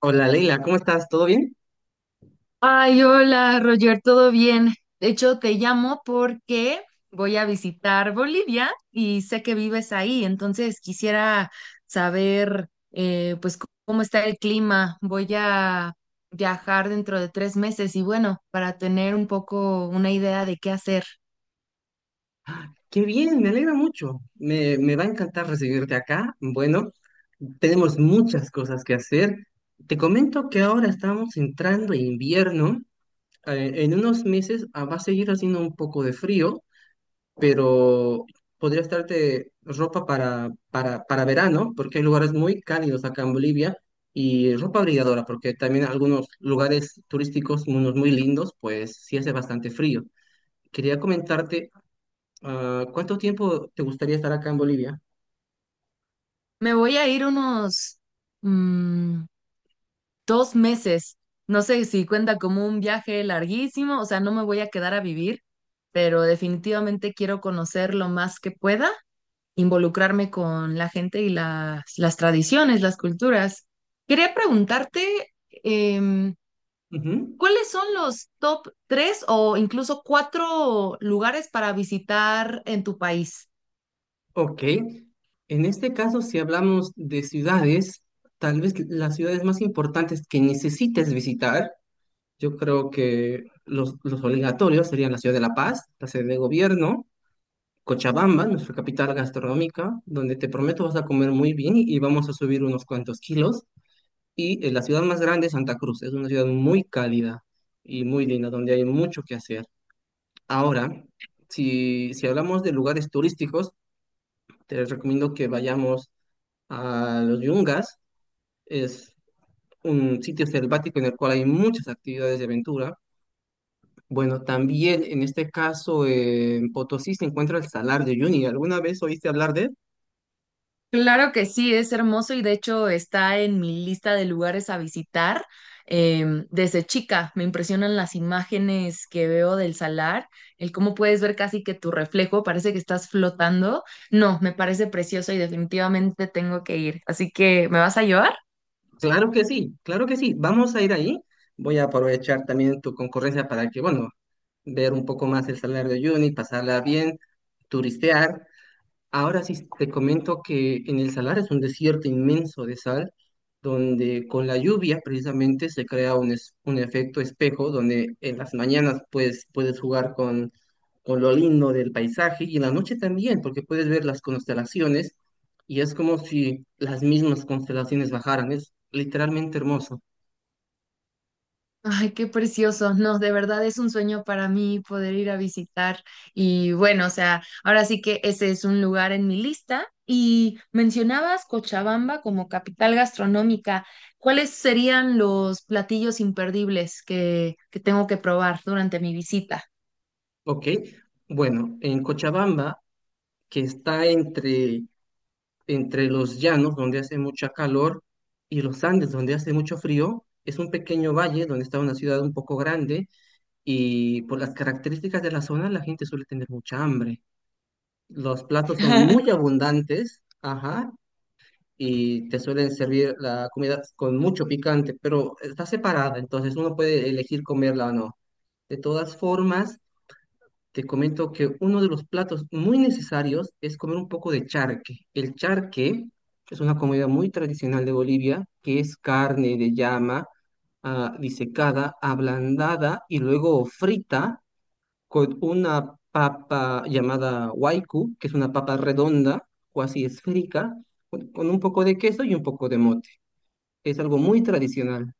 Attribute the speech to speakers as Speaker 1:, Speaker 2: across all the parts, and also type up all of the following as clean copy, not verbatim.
Speaker 1: Hola Leila, ¿cómo estás? ¿Todo bien?
Speaker 2: Ay, hola, Roger, ¿todo bien? De hecho, te llamo porque voy a visitar Bolivia y sé que vives ahí, entonces quisiera saber, pues, cómo está el clima. Voy a viajar dentro de 3 meses y bueno, para tener un poco una idea de qué hacer.
Speaker 1: Qué bien, me alegra mucho. Me va a encantar recibirte acá. Bueno, tenemos muchas cosas que hacer. Te comento que ahora estamos entrando en invierno. En unos meses va a seguir haciendo un poco de frío, pero podría estarte ropa para verano, porque hay lugares muy cálidos acá en Bolivia, y ropa abrigadora, porque también algunos lugares turísticos, unos muy lindos, pues sí hace bastante frío. Quería comentarte. ¿Cuánto tiempo te gustaría estar acá en Bolivia?
Speaker 2: Me voy a ir unos, mm, dos meses. No sé si cuenta como un viaje larguísimo, o sea, no me voy a quedar a vivir, pero definitivamente quiero conocer lo más que pueda, involucrarme con la gente y las tradiciones, las culturas. Quería preguntarte,
Speaker 1: Ujú.
Speaker 2: ¿cuáles son los top tres o incluso cuatro lugares para visitar en tu país?
Speaker 1: Ok. En este caso, si hablamos de ciudades, tal vez las ciudades más importantes que necesites visitar, yo creo que los obligatorios serían la ciudad de La Paz, la sede de gobierno, Cochabamba, nuestra capital gastronómica, donde te prometo vas a comer muy bien y vamos a subir unos cuantos kilos. Y la ciudad más grande es Santa Cruz. Es una ciudad muy cálida y muy linda, donde hay mucho que hacer. Ahora, si hablamos de lugares turísticos, te recomiendo que vayamos a los Yungas. Es un sitio selvático en el cual hay muchas actividades de aventura. Bueno, también en este caso, en Potosí se encuentra el Salar de Uyuni. ¿Alguna vez oíste hablar de él?
Speaker 2: Claro que sí, es hermoso y de hecho está en mi lista de lugares a visitar. Desde chica me impresionan las imágenes que veo del salar, el cómo puedes ver casi que tu reflejo, parece que estás flotando. No, me parece precioso y definitivamente tengo que ir. Así que, ¿me vas a llevar?
Speaker 1: Claro que sí, claro que sí. Vamos a ir ahí. Voy a aprovechar también tu concurrencia para que, bueno, ver un poco más el Salar de Uyuni, pasarla bien, turistear. Ahora sí te comento que en el Salar es un desierto inmenso de sal, donde con la lluvia precisamente se crea un, un efecto espejo, donde en las mañanas pues, puedes jugar con lo lindo del paisaje, y en la noche también, porque puedes ver las constelaciones y es como si las mismas constelaciones bajaran, es literalmente hermoso,
Speaker 2: Ay, qué precioso. No, de verdad es un sueño para mí poder ir a visitar. Y bueno, o sea, ahora sí que ese es un lugar en mi lista. Y mencionabas Cochabamba como capital gastronómica. ¿Cuáles serían los platillos imperdibles que tengo que probar durante mi visita?
Speaker 1: ¿ok? Bueno, en Cochabamba, que está entre los llanos, donde hace mucha calor, y los Andes, donde hace mucho frío. Es un pequeño valle donde está una ciudad un poco grande y por las características de la zona la gente suele tener mucha hambre. Los platos son muy abundantes, ajá, y te suelen servir la comida con mucho picante, pero está separada, entonces uno puede elegir comerla o no. De todas formas, te comento que uno de los platos muy necesarios es comer un poco de charque. El charque es una comida muy tradicional de Bolivia, que es carne de llama disecada, ablandada y luego frita con una papa llamada waiku, que es una papa redonda o así esférica, con un poco de queso y un poco de mote. Es algo muy tradicional.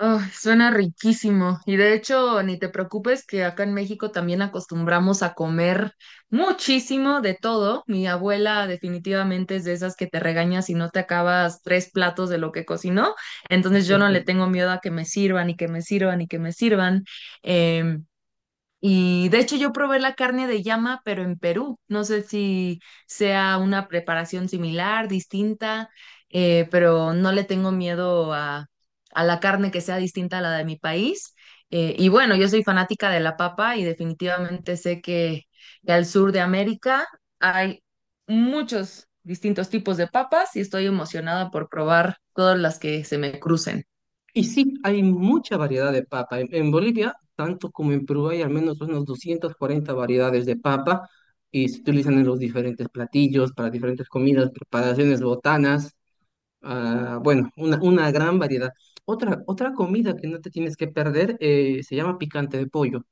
Speaker 2: Ay, suena riquísimo. Y de hecho, ni te preocupes que acá en México también acostumbramos a comer muchísimo de todo. Mi abuela definitivamente es de esas que te regaña si no te acabas tres platos de lo que cocinó. Entonces yo no le tengo miedo a que me sirvan y que me sirvan y que me sirvan. Em, y de hecho yo probé la carne de llama, pero en Perú. No sé si sea una preparación similar, distinta, pero no le tengo miedo a la carne que sea distinta a la de mi país. Y bueno, yo soy fanática de la papa y definitivamente sé que al sur de América hay muchos distintos tipos de papas y estoy emocionada por probar todas las que se me crucen.
Speaker 1: Y sí, hay mucha variedad de papa. En Bolivia, tanto como en Perú, hay al menos unos 40 variedades de papa y se utilizan en los diferentes platillos, para diferentes comidas, preparaciones, botanas. Bueno, una gran variedad. Otra comida que no te tienes que perder se llama picante de pollo.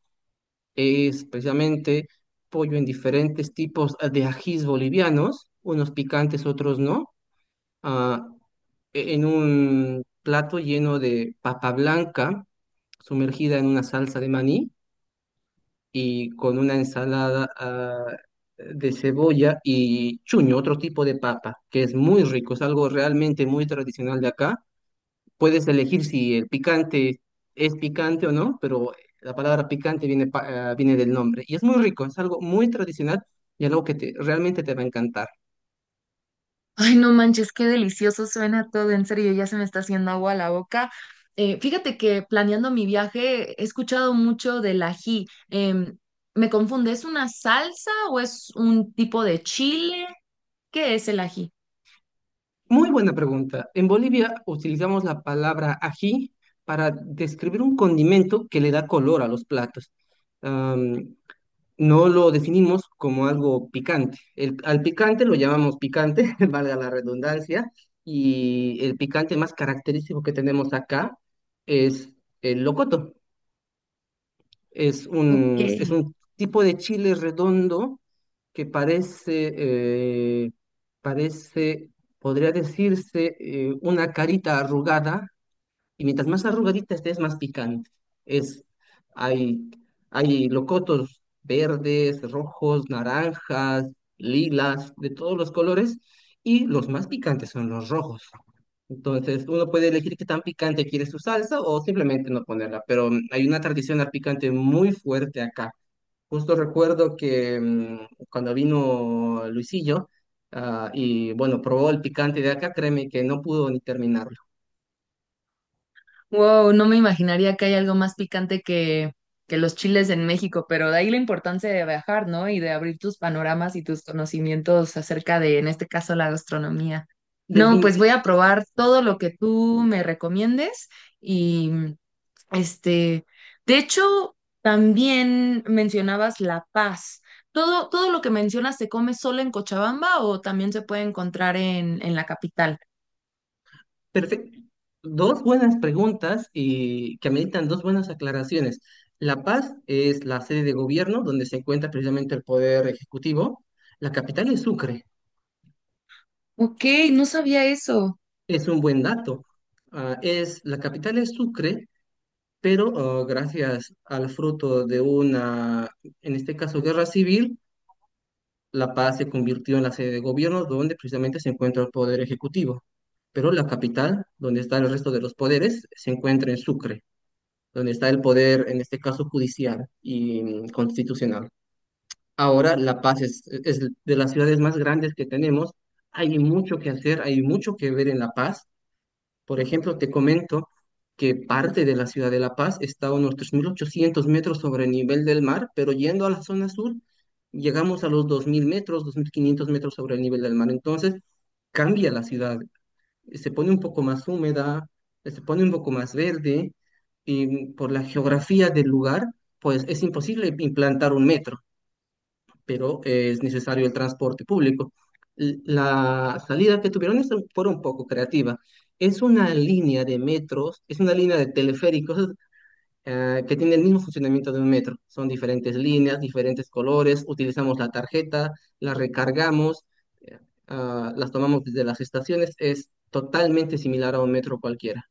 Speaker 1: Es precisamente pollo en diferentes tipos de ajís bolivianos, unos picantes, otros no, ah, en un plato lleno de papa blanca sumergida en una salsa de maní y con una ensalada de cebolla y chuño, otro tipo de papa, que es muy rico, es algo realmente muy tradicional de acá. Puedes elegir si el picante es picante o no, pero la palabra picante viene, viene del nombre. Y es muy rico, es algo muy tradicional y algo que realmente te va a encantar.
Speaker 2: Ay, no manches, qué delicioso suena todo, en serio, ya se me está haciendo agua a la boca. Fíjate que planeando mi viaje he escuchado mucho del ají. Me confunde, ¿es una salsa o es un tipo de chile? ¿Qué es el ají?
Speaker 1: Muy buena pregunta. En Bolivia utilizamos la palabra ají para describir un condimento que le da color a los platos. No lo definimos como algo picante. Al picante lo llamamos picante, valga la redundancia, y el picante más característico que tenemos acá es el locoto. Es es
Speaker 2: Ok.
Speaker 1: un tipo de chile redondo que parece, eh, parece, podría decirse, una carita arrugada, y mientras más arrugadita esté, es más picante. Es, hay, hay locotos verdes, rojos, naranjas, lilas, de todos los colores. Y los más picantes son los rojos. Entonces, uno puede elegir qué tan picante quiere su salsa o simplemente no ponerla. Pero hay una tradición al picante muy fuerte acá. Justo recuerdo que cuando vino Luisillo, y bueno, probó el picante de acá, créeme que no pudo ni terminarlo.
Speaker 2: Wow, no me imaginaría que hay algo más picante que los chiles en México, pero de ahí la importancia de viajar, ¿no? Y de abrir tus panoramas y tus conocimientos acerca de, en este caso, la gastronomía. No, pues
Speaker 1: Definiti-
Speaker 2: voy a probar todo lo que tú me recomiendes y, este, de hecho, también mencionabas La Paz. ¿Todo lo que mencionas se come solo en Cochabamba o también se puede encontrar en la capital?
Speaker 1: Perfecto. Dos buenas preguntas y que ameritan dos buenas aclaraciones. La Paz es la sede de gobierno donde se encuentra precisamente el poder ejecutivo. La capital es Sucre.
Speaker 2: Ok, no sabía eso.
Speaker 1: Es un buen dato. La capital es Sucre, pero gracias al fruto de una, en este caso, guerra civil, La Paz se convirtió en la sede de gobierno donde precisamente se encuentra el poder ejecutivo. Pero la capital, donde está el resto de los poderes, se encuentra en Sucre, donde está el poder, en este caso judicial y constitucional. Ahora La Paz es de las ciudades más grandes que tenemos. Hay mucho que hacer, hay mucho que ver en La Paz. Por ejemplo, te comento que parte de la ciudad de La Paz está a unos 3.800 metros sobre el nivel del mar, pero yendo a la zona sur, llegamos a los 2.000 metros, 2.500 metros sobre el nivel del mar. Entonces, cambia la ciudad, se pone un poco más húmeda, se pone un poco más verde, y por la geografía del lugar, pues es imposible implantar un metro, pero es necesario el transporte público. La salida que tuvieron fue un poco creativa. Es una línea de metros, es una línea de teleféricos que tiene el mismo funcionamiento de un metro. Son diferentes líneas, diferentes colores, utilizamos la tarjeta, la recargamos, eh, las tomamos desde las estaciones. Es totalmente similar a un metro cualquiera.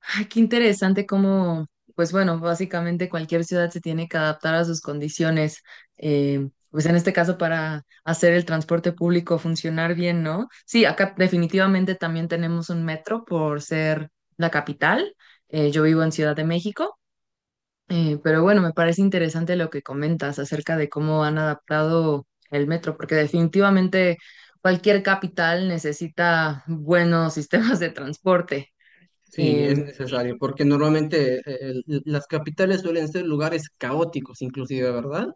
Speaker 2: Ay, qué interesante cómo, pues bueno, básicamente cualquier ciudad se tiene que adaptar a sus condiciones, pues en este caso para hacer el transporte público funcionar bien, ¿no? Sí, acá definitivamente también tenemos un metro por ser la capital. Yo vivo en Ciudad de México, pero bueno, me parece interesante lo que comentas acerca de cómo han adaptado el metro, porque definitivamente cualquier capital necesita buenos sistemas de transporte.
Speaker 1: Sí, es
Speaker 2: Em,
Speaker 1: necesario, porque normalmente las capitales suelen ser lugares caóticos, inclusive, ¿verdad?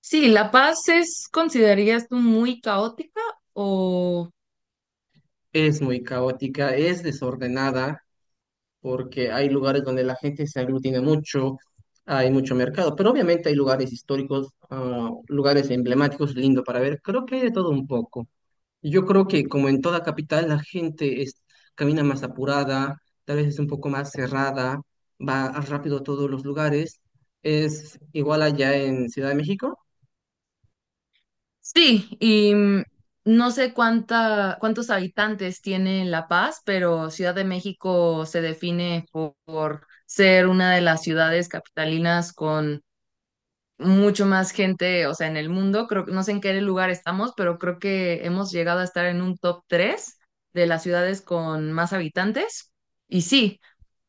Speaker 2: Sí, La Paz es, ¿considerarías tú muy caótica o
Speaker 1: Es muy caótica, es desordenada, porque hay lugares donde la gente se aglutina mucho, hay mucho mercado, pero obviamente hay lugares históricos, lugares emblemáticos, lindo para ver. Creo que hay de todo un poco. Yo creo que como en toda capital, camina más apurada, tal vez es un poco más cerrada, va rápido a todos los lugares. ¿Es igual allá en Ciudad de México?
Speaker 2: sí? Y no sé cuánta, cuántos habitantes tiene La Paz, pero Ciudad de México se define por ser una de las ciudades capitalinas con mucho más gente, o sea, en el mundo, creo, no sé en qué lugar estamos, pero creo que hemos llegado a estar en un top 3 de las ciudades con más habitantes. Y sí,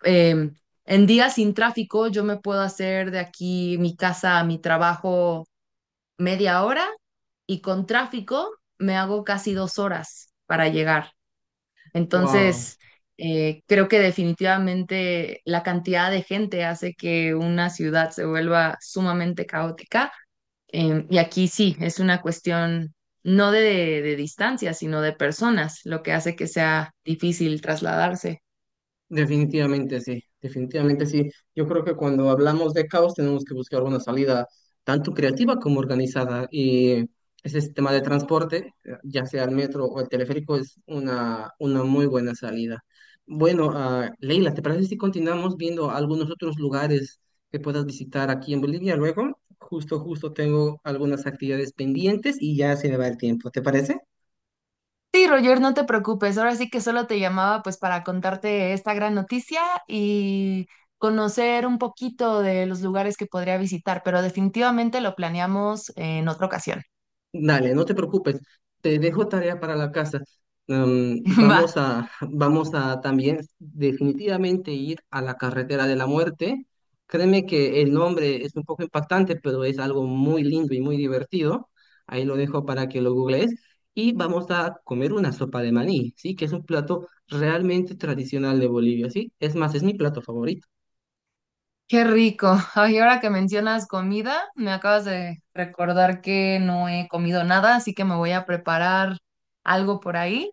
Speaker 2: em, en días sin tráfico yo me puedo hacer de aquí mi casa a mi trabajo media hora y con tráfico me hago casi 2 horas para llegar.
Speaker 1: Wow.
Speaker 2: Entonces, creo que definitivamente la cantidad de gente hace que una ciudad se vuelva sumamente caótica, y aquí sí, es una cuestión no de, de distancia, sino de personas, lo que hace que sea difícil trasladarse.
Speaker 1: Definitivamente sí, definitivamente sí. Yo creo que cuando hablamos de caos tenemos que buscar una salida tanto creativa como organizada, y ese sistema de transporte, ya sea el metro o el teleférico, es una muy buena salida. Bueno, Leila, ¿te parece si continuamos viendo algunos otros lugares que puedas visitar aquí en Bolivia luego? Justo tengo algunas actividades pendientes y ya se me va el tiempo, ¿te parece?
Speaker 2: Sí, Roger, no te preocupes. Ahora sí que solo te llamaba pues para contarte esta gran noticia y conocer un poquito de los lugares que podría visitar, pero definitivamente lo planeamos en otra ocasión.
Speaker 1: Dale, no te preocupes. Te dejo tarea para la casa.
Speaker 2: Va.
Speaker 1: Vamos a también definitivamente ir a la carretera de la muerte. Créeme que el nombre es un poco impactante, pero es algo muy lindo y muy divertido. Ahí lo dejo para que lo googlees. Y vamos a comer una sopa de maní, ¿sí? Que es un plato realmente tradicional de Bolivia, ¿sí? Es más, es mi plato favorito.
Speaker 2: Qué rico. Ay, ahora que mencionas comida, me acabas de recordar que no he comido nada, así que me voy a preparar algo por ahí,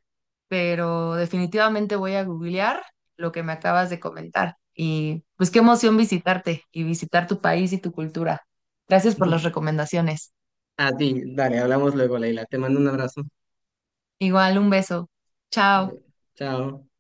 Speaker 2: pero definitivamente voy a googlear lo que me acabas de comentar. Y pues qué emoción visitarte y visitar tu país y tu cultura. Gracias por las recomendaciones.
Speaker 1: A ti, dale, hablamos luego, Leila. Te mando un abrazo.
Speaker 2: Igual, un beso. Chao.
Speaker 1: Chao.